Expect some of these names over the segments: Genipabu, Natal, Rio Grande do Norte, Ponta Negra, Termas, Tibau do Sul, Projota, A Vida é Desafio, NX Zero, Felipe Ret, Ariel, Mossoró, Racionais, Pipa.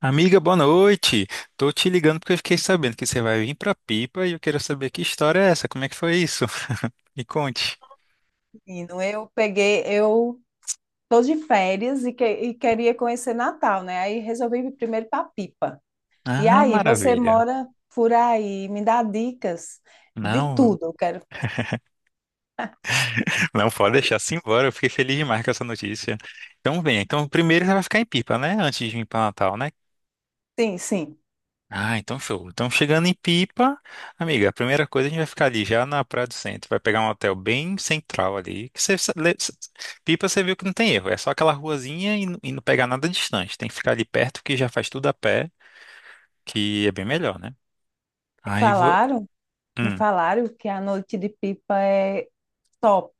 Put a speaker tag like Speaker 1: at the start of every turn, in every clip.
Speaker 1: Amiga, boa noite. Tô te ligando porque eu fiquei sabendo que você vai vir pra Pipa e eu quero saber que história é essa, como é que foi isso? Me conte.
Speaker 2: Menino, eu tô de férias e, e queria conhecer Natal, né? Aí resolvi ir primeiro para Pipa. E
Speaker 1: Ah,
Speaker 2: aí, você
Speaker 1: maravilha.
Speaker 2: mora por aí, me dá dicas de
Speaker 1: Não,
Speaker 2: tudo. Eu quero.
Speaker 1: não pode deixar assim embora. Eu fiquei feliz demais com essa notícia. Então vem. Então primeiro você vai ficar em Pipa, né? Antes de vir pra Natal, né?
Speaker 2: Sim, sim.
Speaker 1: Ah, então show. Então chegando em Pipa, amiga, a primeira coisa a gente vai ficar ali já na Praia do Centro, vai pegar um hotel bem central ali, que você, Pipa você viu que não tem erro, é só aquela ruazinha e, e não pegar nada distante, tem que ficar ali perto que já faz tudo a pé, que é bem melhor, né?
Speaker 2: Me
Speaker 1: Aí vou.
Speaker 2: falaram, me
Speaker 1: Hum.
Speaker 2: falaram que a noite de Pipa é top.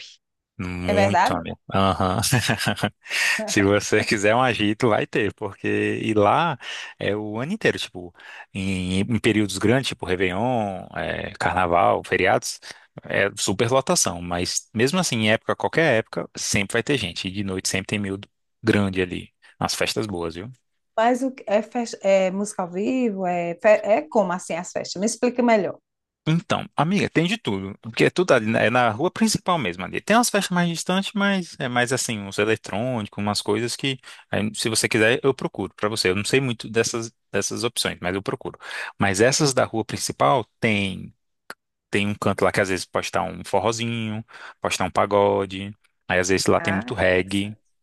Speaker 2: É
Speaker 1: Muito
Speaker 2: verdade?
Speaker 1: amigo. Aham. Se você quiser um agito, vai ter, porque e lá é o ano inteiro, tipo, em períodos grandes, tipo Réveillon, é, Carnaval, feriados, é super lotação, mas mesmo assim, em época, qualquer época, sempre vai ter gente, e de noite sempre tem miúdo grande ali, nas festas boas, viu?
Speaker 2: É, é música ao vivo? É como assim as festas? Me explica melhor.
Speaker 1: Então, amiga, tem de tudo, porque é tudo ali, né, é na rua principal mesmo ali. Tem umas festas mais distantes, mas é mais assim, uns eletrônicos, umas coisas que, aí, se você quiser, eu procuro pra você. Eu não sei muito dessas opções, mas eu procuro. Mas essas da rua principal tem um canto lá que às vezes pode estar um forrozinho, pode estar um pagode, aí às vezes lá tem
Speaker 2: Ah,
Speaker 1: muito reggae.
Speaker 2: interessante.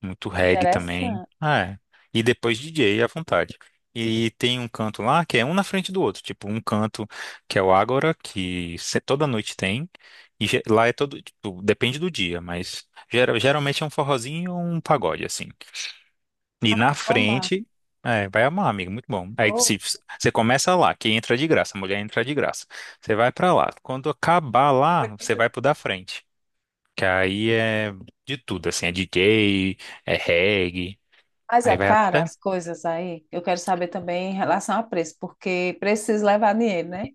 Speaker 1: Muito reggae também.
Speaker 2: Interessante.
Speaker 1: Ah, é. E depois DJ à vontade. E tem um canto lá que é um na frente do outro. Tipo, um canto que é o Ágora, que toda noite tem. E lá é todo, tipo, depende do dia, mas geralmente é um forrozinho ou um pagode, assim. E
Speaker 2: Ai,
Speaker 1: na
Speaker 2: eu vou amar.
Speaker 1: frente, é, vai amar, amigo, muito bom. Aí
Speaker 2: Vou.
Speaker 1: se, você começa lá, que entra de graça, a mulher entra de graça. Você vai pra lá. Quando acabar lá, você vai pro da frente. Que aí é de tudo, assim, é DJ, é reggae.
Speaker 2: Mas
Speaker 1: Aí
Speaker 2: é
Speaker 1: vai
Speaker 2: cara
Speaker 1: até.
Speaker 2: as coisas aí. Eu quero saber também em relação a preço, porque preciso levar dinheiro, né?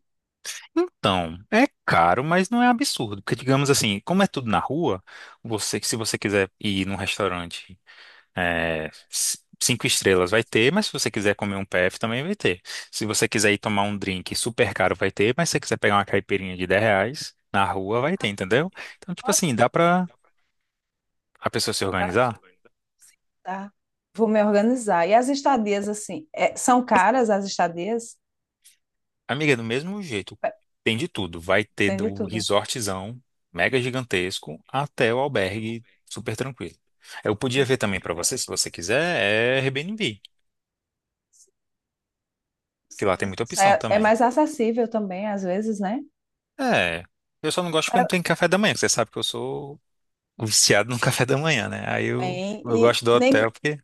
Speaker 1: Então, é caro, mas não é absurdo. Porque, digamos assim, como é tudo na rua, você, se você quiser ir num restaurante é, 5 estrelas, vai ter, mas se você quiser comer um PF, também vai ter. Se você quiser ir tomar um drink super caro, vai ter, mas se você quiser pegar uma caipirinha de R$ 10 na rua, vai ter,
Speaker 2: Ah,
Speaker 1: entendeu? Então, tipo assim, dá pra a pessoa se
Speaker 2: tá.
Speaker 1: organizar.
Speaker 2: Tá. Vou me organizar. E as estadias, assim, são caras as estadias?
Speaker 1: Amiga, do mesmo jeito,
Speaker 2: É,
Speaker 1: tem de tudo. Vai ter
Speaker 2: tem de
Speaker 1: do
Speaker 2: tudo.
Speaker 1: resortzão mega gigantesco até o albergue super tranquilo. Eu podia ver
Speaker 2: Isso.
Speaker 1: também pra você, se você quiser, é Airbnb, que lá tem
Speaker 2: Sim,
Speaker 1: muita
Speaker 2: isso
Speaker 1: opção
Speaker 2: é, é
Speaker 1: também.
Speaker 2: mais acessível também, às vezes, né?
Speaker 1: É, eu só não gosto porque
Speaker 2: É.
Speaker 1: não tem café da manhã, que você sabe que eu sou viciado no café da manhã, né? Aí
Speaker 2: Bem,
Speaker 1: eu gosto do hotel porque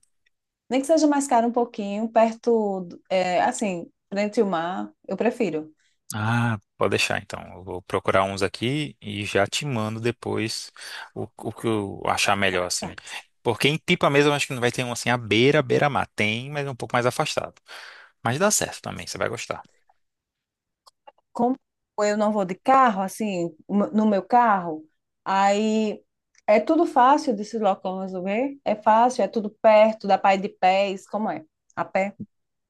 Speaker 2: nem que seja mais caro um pouquinho, perto, é, assim, frente ao mar, eu prefiro.
Speaker 1: Ah, pode deixar então. Eu vou procurar uns aqui e já te mando depois o que eu achar
Speaker 2: Tá
Speaker 1: melhor, assim.
Speaker 2: certo.
Speaker 1: Porque em Pipa mesmo eu acho que não vai ter um assim à beira, beira-mar. Tem, mas é um pouco mais afastado. Mas dá certo também, você vai gostar.
Speaker 2: Como eu não vou de carro, assim, no meu carro, aí é tudo fácil de se locomover, é fácil, é tudo perto, dá para ir de pés, como é? A pé.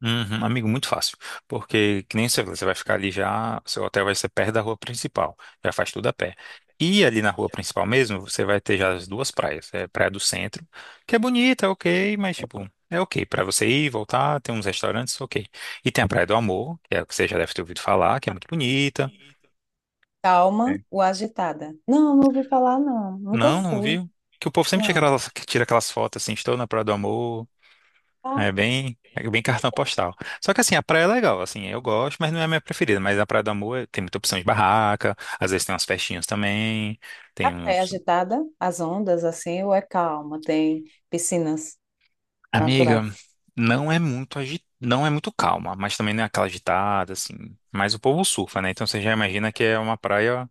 Speaker 1: Uhum, amigo, muito fácil. Porque, que nem você falou, você vai ficar ali já, seu hotel vai ser perto da rua principal, já faz tudo a pé. E ali na rua principal mesmo, você vai ter já as duas praias. É a Praia do Centro, que é bonita, é ok, mas tipo, é ok. Pra você ir, voltar, tem uns restaurantes, ok. E tem a Praia do Amor, que é a que você já deve ter ouvido falar, que é muito bonita.
Speaker 2: Calma
Speaker 1: É.
Speaker 2: ou agitada? Não, não ouvi falar, não. Nunca
Speaker 1: Não, não
Speaker 2: fui,
Speaker 1: viu? Que o povo sempre tira
Speaker 2: não.
Speaker 1: aquelas, que tira aquelas fotos assim, estou na Praia do Amor.
Speaker 2: Ah,
Speaker 1: É bem cartão
Speaker 2: tem
Speaker 1: postal. Só que assim, a praia é legal, assim, eu gosto, mas não é a minha preferida. Mas a Praia do Amor tem muita opção de barraca, às vezes tem umas festinhas também,
Speaker 2: a
Speaker 1: tem
Speaker 2: pé
Speaker 1: uns...
Speaker 2: agitada, as ondas, assim, ou é calma? Tem piscinas
Speaker 1: Amiga,
Speaker 2: naturais.
Speaker 1: não é muito agi... não é muito calma, mas também não é aquela agitada, assim. Mas o povo surfa, né? Então você já imagina que é uma praia,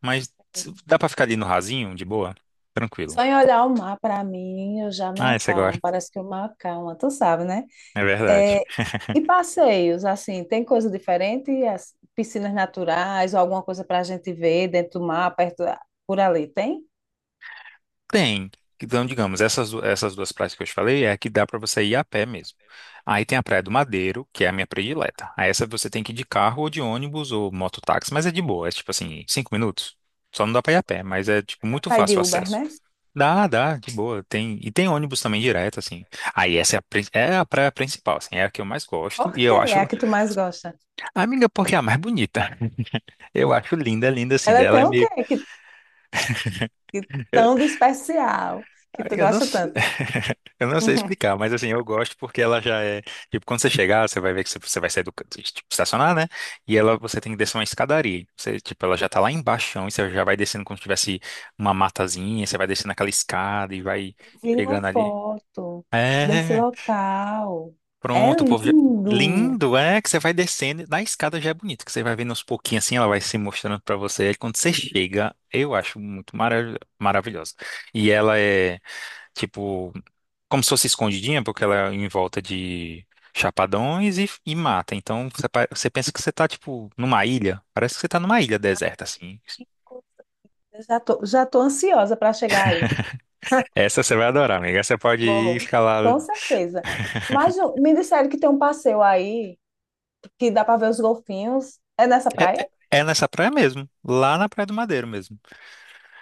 Speaker 1: mas dá pra ficar ali no rasinho, de boa, tranquilo.
Speaker 2: Só em olhar o mar, para mim, eu já me
Speaker 1: Ah, você
Speaker 2: acalmo.
Speaker 1: gosta.
Speaker 2: Parece que o mar acalma, tu sabe, né?
Speaker 1: É verdade.
Speaker 2: É. E passeios, assim, tem coisa diferente? As piscinas naturais ou alguma coisa para a gente ver dentro do mar, perto, por ali, tem?
Speaker 1: Tem. Então, digamos, essas, essas duas praias que eu te falei é a que dá para você ir a pé mesmo. Aí tem a Praia do Madeiro, que é a minha predileta. Aí essa você tem que ir de carro ou de ônibus ou mototáxi, mas é de boa, é tipo assim, 5 minutos. Só não dá para ir a pé, mas é tipo muito
Speaker 2: Pai
Speaker 1: fácil
Speaker 2: de
Speaker 1: o
Speaker 2: Uber,
Speaker 1: acesso.
Speaker 2: né?
Speaker 1: Dá, dá, de boa. Tem, e tem ônibus também direto, assim. Aí essa é a, é a praia principal, assim, é a que eu mais gosto.
Speaker 2: Por
Speaker 1: E
Speaker 2: quê?
Speaker 1: eu
Speaker 2: É a
Speaker 1: acho,
Speaker 2: que tu mais gosta.
Speaker 1: amiga, porque é a mais bonita. Eu acho linda, linda, assim.
Speaker 2: Ela
Speaker 1: Dela
Speaker 2: tem
Speaker 1: é
Speaker 2: o quê
Speaker 1: meio
Speaker 2: que tão de especial que tu
Speaker 1: Eu não,
Speaker 2: gosta
Speaker 1: s-
Speaker 2: tanto?
Speaker 1: eu não sei explicar, mas assim, eu gosto porque ela já é. Tipo, quando você chegar, você vai ver que você vai sair do tipo, estacionar, né? E ela, você tem que descer uma escadaria. Você, tipo, ela já tá lá embaixo, e você já vai descendo como se tivesse uma matazinha, você vai descendo aquela escada e vai
Speaker 2: Eu vi uma
Speaker 1: chegando ali.
Speaker 2: foto desse
Speaker 1: É,
Speaker 2: local. É
Speaker 1: pronto, o povo já.
Speaker 2: lindo.
Speaker 1: Lindo, é que você vai descendo, na escada já é bonito, que você vai vendo aos pouquinhos assim, ela vai se mostrando pra você. Aí quando você chega, eu acho muito maravilhosa. E ela é, tipo como se fosse escondidinha, porque ela é em volta de chapadões e mata. Então você, você pensa que você tá, tipo, numa ilha. Parece que você tá numa ilha deserta, assim.
Speaker 2: Que coisa. Já tô ansiosa para chegar aí.
Speaker 1: Essa você vai adorar, amiga. Essa Você pode ir e
Speaker 2: Bom,
Speaker 1: ficar lá.
Speaker 2: com certeza. Me disseram que tem um passeio aí que dá para ver os golfinhos. É nessa praia?
Speaker 1: É nessa praia mesmo, lá na Praia do Madeiro mesmo.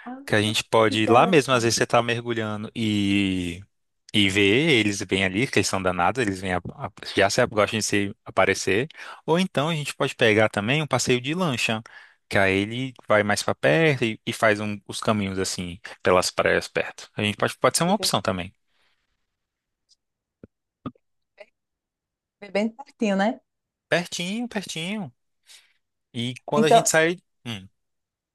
Speaker 2: Ah,
Speaker 1: Que a gente pode ir lá mesmo, às
Speaker 2: interessante.
Speaker 1: vezes você tá mergulhando e ver, eles vêm ali, que eles são danados, eles vêm já se, gostam de se aparecer. Ou então a gente pode pegar também um passeio de lancha, que aí ele vai mais pra perto e faz um- os caminhos assim, pelas praias perto. A gente pode, pode ser uma opção também.
Speaker 2: É bem pertinho, né?
Speaker 1: Pertinho, pertinho. E quando a gente
Speaker 2: Então,
Speaker 1: sai.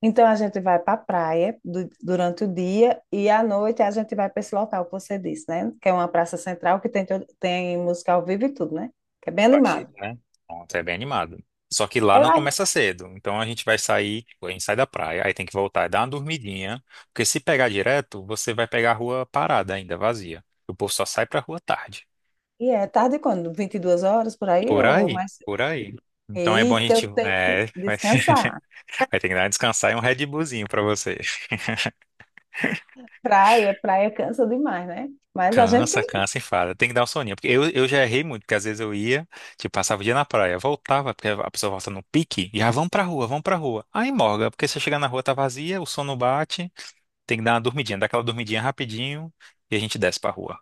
Speaker 2: então a gente vai para a praia durante o dia e à noite a gente vai para esse local que você disse, né? Que é uma praça central que tem, tem música ao vivo e tudo, né? Que é bem
Speaker 1: Agito,
Speaker 2: animado.
Speaker 1: né? Pronto, é bem animado. Só que lá
Speaker 2: É
Speaker 1: não
Speaker 2: lá.
Speaker 1: começa cedo. Então a gente vai sair, tipo, a gente sai da praia, aí tem que voltar e dar uma dormidinha. Porque se pegar direto, você vai pegar a rua parada ainda, vazia. O povo só sai pra rua tarde.
Speaker 2: E é tarde quando? 22 horas por aí
Speaker 1: Por
Speaker 2: ou
Speaker 1: aí,
Speaker 2: mais?
Speaker 1: por aí. Então é bom a
Speaker 2: Eita,
Speaker 1: gente.
Speaker 2: eu tenho que
Speaker 1: É, vai,
Speaker 2: descansar.
Speaker 1: vai ter que dar uma descansar e um Red Bullzinho pra você.
Speaker 2: Praia, praia cansa demais, né? Mas a gente
Speaker 1: Cansa,
Speaker 2: tem.
Speaker 1: cansa, enfada. Tem que dar um soninho. Porque eu já errei muito, porque às vezes eu ia, tipo, passava o dia na praia, voltava, porque a pessoa volta no pique, e já vamos pra rua, vamos pra rua. Aí morga, porque se eu chegar na rua tá vazia, o sono bate, tem que dar uma dormidinha, dá aquela dormidinha rapidinho e a gente desce pra rua.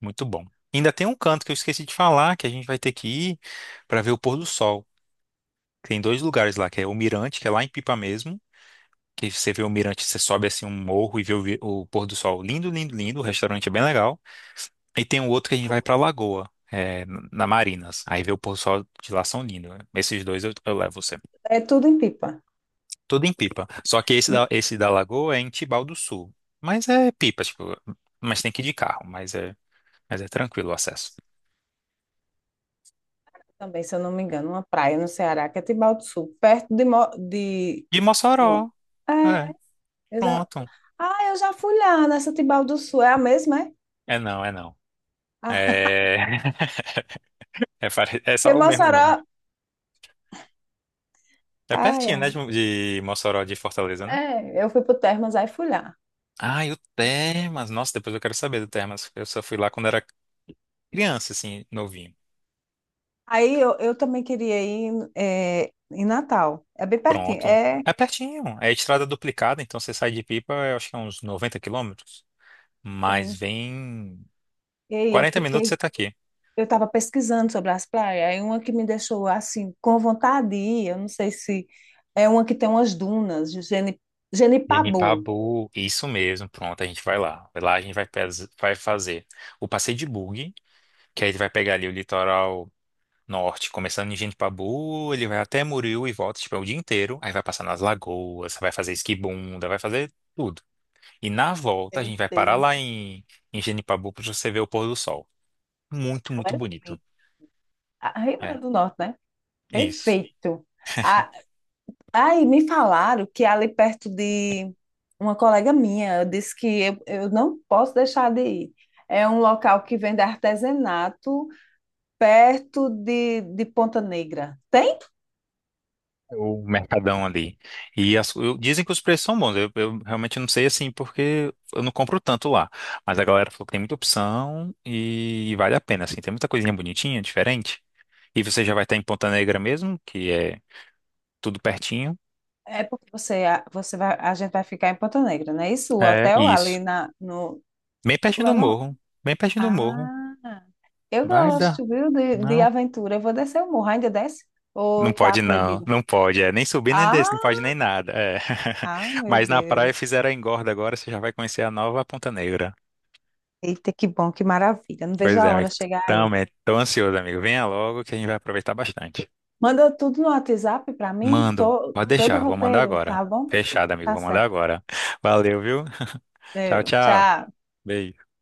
Speaker 1: Muito bom. Ainda tem um canto que eu esqueci de falar, que a gente vai ter que ir pra ver o pôr do sol. Tem dois lugares lá, que é o Mirante, que é lá em Pipa mesmo, que você vê o mirante, você sobe assim um morro e vê o pôr do sol. Lindo, lindo, lindo. O restaurante é bem legal. E tem um outro que a gente vai pra Lagoa, é, na Marinas. Aí vê o pôr do sol de lá são lindo. Esses dois eu levo você.
Speaker 2: É tudo em Pipa.
Speaker 1: Tudo em pipa. Só que
Speaker 2: Hum.
Speaker 1: esse da Lagoa é em Tibau do Sul. Mas é pipa, tipo, mas tem que ir de carro, mas é tranquilo o acesso.
Speaker 2: Também, se eu não me engano, uma praia no Ceará, que é Tibau do Sul, perto de, de...
Speaker 1: De
Speaker 2: Mo-
Speaker 1: Mossoró.
Speaker 2: é,
Speaker 1: É,
Speaker 2: eu já...
Speaker 1: pronto.
Speaker 2: Ah, eu já fui lá nessa Tibau do Sul. É a mesma, é?
Speaker 1: É não, é não.
Speaker 2: Ah,
Speaker 1: É, é, pare- é só
Speaker 2: porque
Speaker 1: o mesmo nome.
Speaker 2: Mossoró...
Speaker 1: É
Speaker 2: Ah,
Speaker 1: pertinho,
Speaker 2: é.
Speaker 1: né, de Mossoró de Fortaleza, né?
Speaker 2: É, eu fui pro Termas, aí fui lá.
Speaker 1: Ah, e o Termas. Nossa, depois eu quero saber do Termas. Eu só fui lá quando era criança, assim, novinho.
Speaker 2: Eu também queria ir é, em Natal. É bem pertinho.
Speaker 1: Pronto.
Speaker 2: É,
Speaker 1: É pertinho. É estrada duplicada, então você sai de Pipa, eu acho que é uns 90 quilômetros. Mas
Speaker 2: sim.
Speaker 1: vem
Speaker 2: Ei, eu
Speaker 1: 40 minutos você
Speaker 2: fiquei,
Speaker 1: tá aqui.
Speaker 2: eu estava pesquisando sobre as praias, aí uma que me deixou assim com vontade de ir, eu não sei se é uma que tem umas dunas, Genipabu.
Speaker 1: Genipabu, isso mesmo, pronto, a gente vai lá. Lá a gente vai, vai fazer o passeio de bug, que aí ele vai pegar ali o litoral norte, começando em Genipabu, ele vai até Muril e volta, tipo, é o dia inteiro. Aí vai passar nas lagoas, vai fazer esquibunda, vai fazer tudo. E na volta a
Speaker 2: Meu
Speaker 1: gente vai parar
Speaker 2: Deus,
Speaker 1: lá em, em Genipabu para você ver o pôr do sol. Muito, muito
Speaker 2: olha ali.
Speaker 1: bonito.
Speaker 2: A Rio
Speaker 1: É,
Speaker 2: Grande do Norte, né?
Speaker 1: isso.
Speaker 2: Perfeito. A- aí me falaram que é ali perto de uma colega minha, eu disse que eu não posso deixar de ir. É um local que vende artesanato perto de Ponta Negra. Tem?
Speaker 1: O mercadão ali. E as- eu- dizem que os preços são bons. Eu realmente não sei assim, porque eu não compro tanto lá. Mas a galera falou que tem muita opção e, vale a pena, assim. Tem muita coisinha bonitinha, diferente. E você já vai estar em Ponta Negra mesmo, que é tudo pertinho.
Speaker 2: É porque você vai, a gente vai ficar em Ponta Negra, não é isso? O
Speaker 1: É,
Speaker 2: hotel ali
Speaker 1: isso.
Speaker 2: na, no.
Speaker 1: Bem pertinho
Speaker 2: Como é o
Speaker 1: do
Speaker 2: nome?
Speaker 1: morro. Bem pertinho do morro.
Speaker 2: Ah, eu
Speaker 1: Vai dar.
Speaker 2: gosto, viu, de
Speaker 1: Não.
Speaker 2: aventura. Eu vou descer o morro, ainda desce?
Speaker 1: Não
Speaker 2: Ou tá
Speaker 1: pode não,
Speaker 2: proibido?
Speaker 1: não pode, é, nem subir nem
Speaker 2: Ah,
Speaker 1: descer, não pode nem nada, é.
Speaker 2: ah, meu
Speaker 1: Mas na praia
Speaker 2: Deus.
Speaker 1: fizeram a engorda agora, você já vai conhecer a nova Ponta Negra.
Speaker 2: Eita, que bom, que maravilha. Não vejo
Speaker 1: Pois é,
Speaker 2: a hora
Speaker 1: amigo,
Speaker 2: chegar aí.
Speaker 1: também tô ansioso, amigo, venha logo que a gente vai aproveitar bastante.
Speaker 2: Manda tudo no WhatsApp para mim,
Speaker 1: Mando, pode
Speaker 2: todo o
Speaker 1: deixar, vou mandar
Speaker 2: roteiro,
Speaker 1: agora.
Speaker 2: tá bom?
Speaker 1: Fechado, amigo,
Speaker 2: Tá
Speaker 1: vou mandar
Speaker 2: certo.
Speaker 1: agora. Valeu, viu? Tchau,
Speaker 2: Deu.
Speaker 1: tchau.
Speaker 2: Tchau.
Speaker 1: Beijo.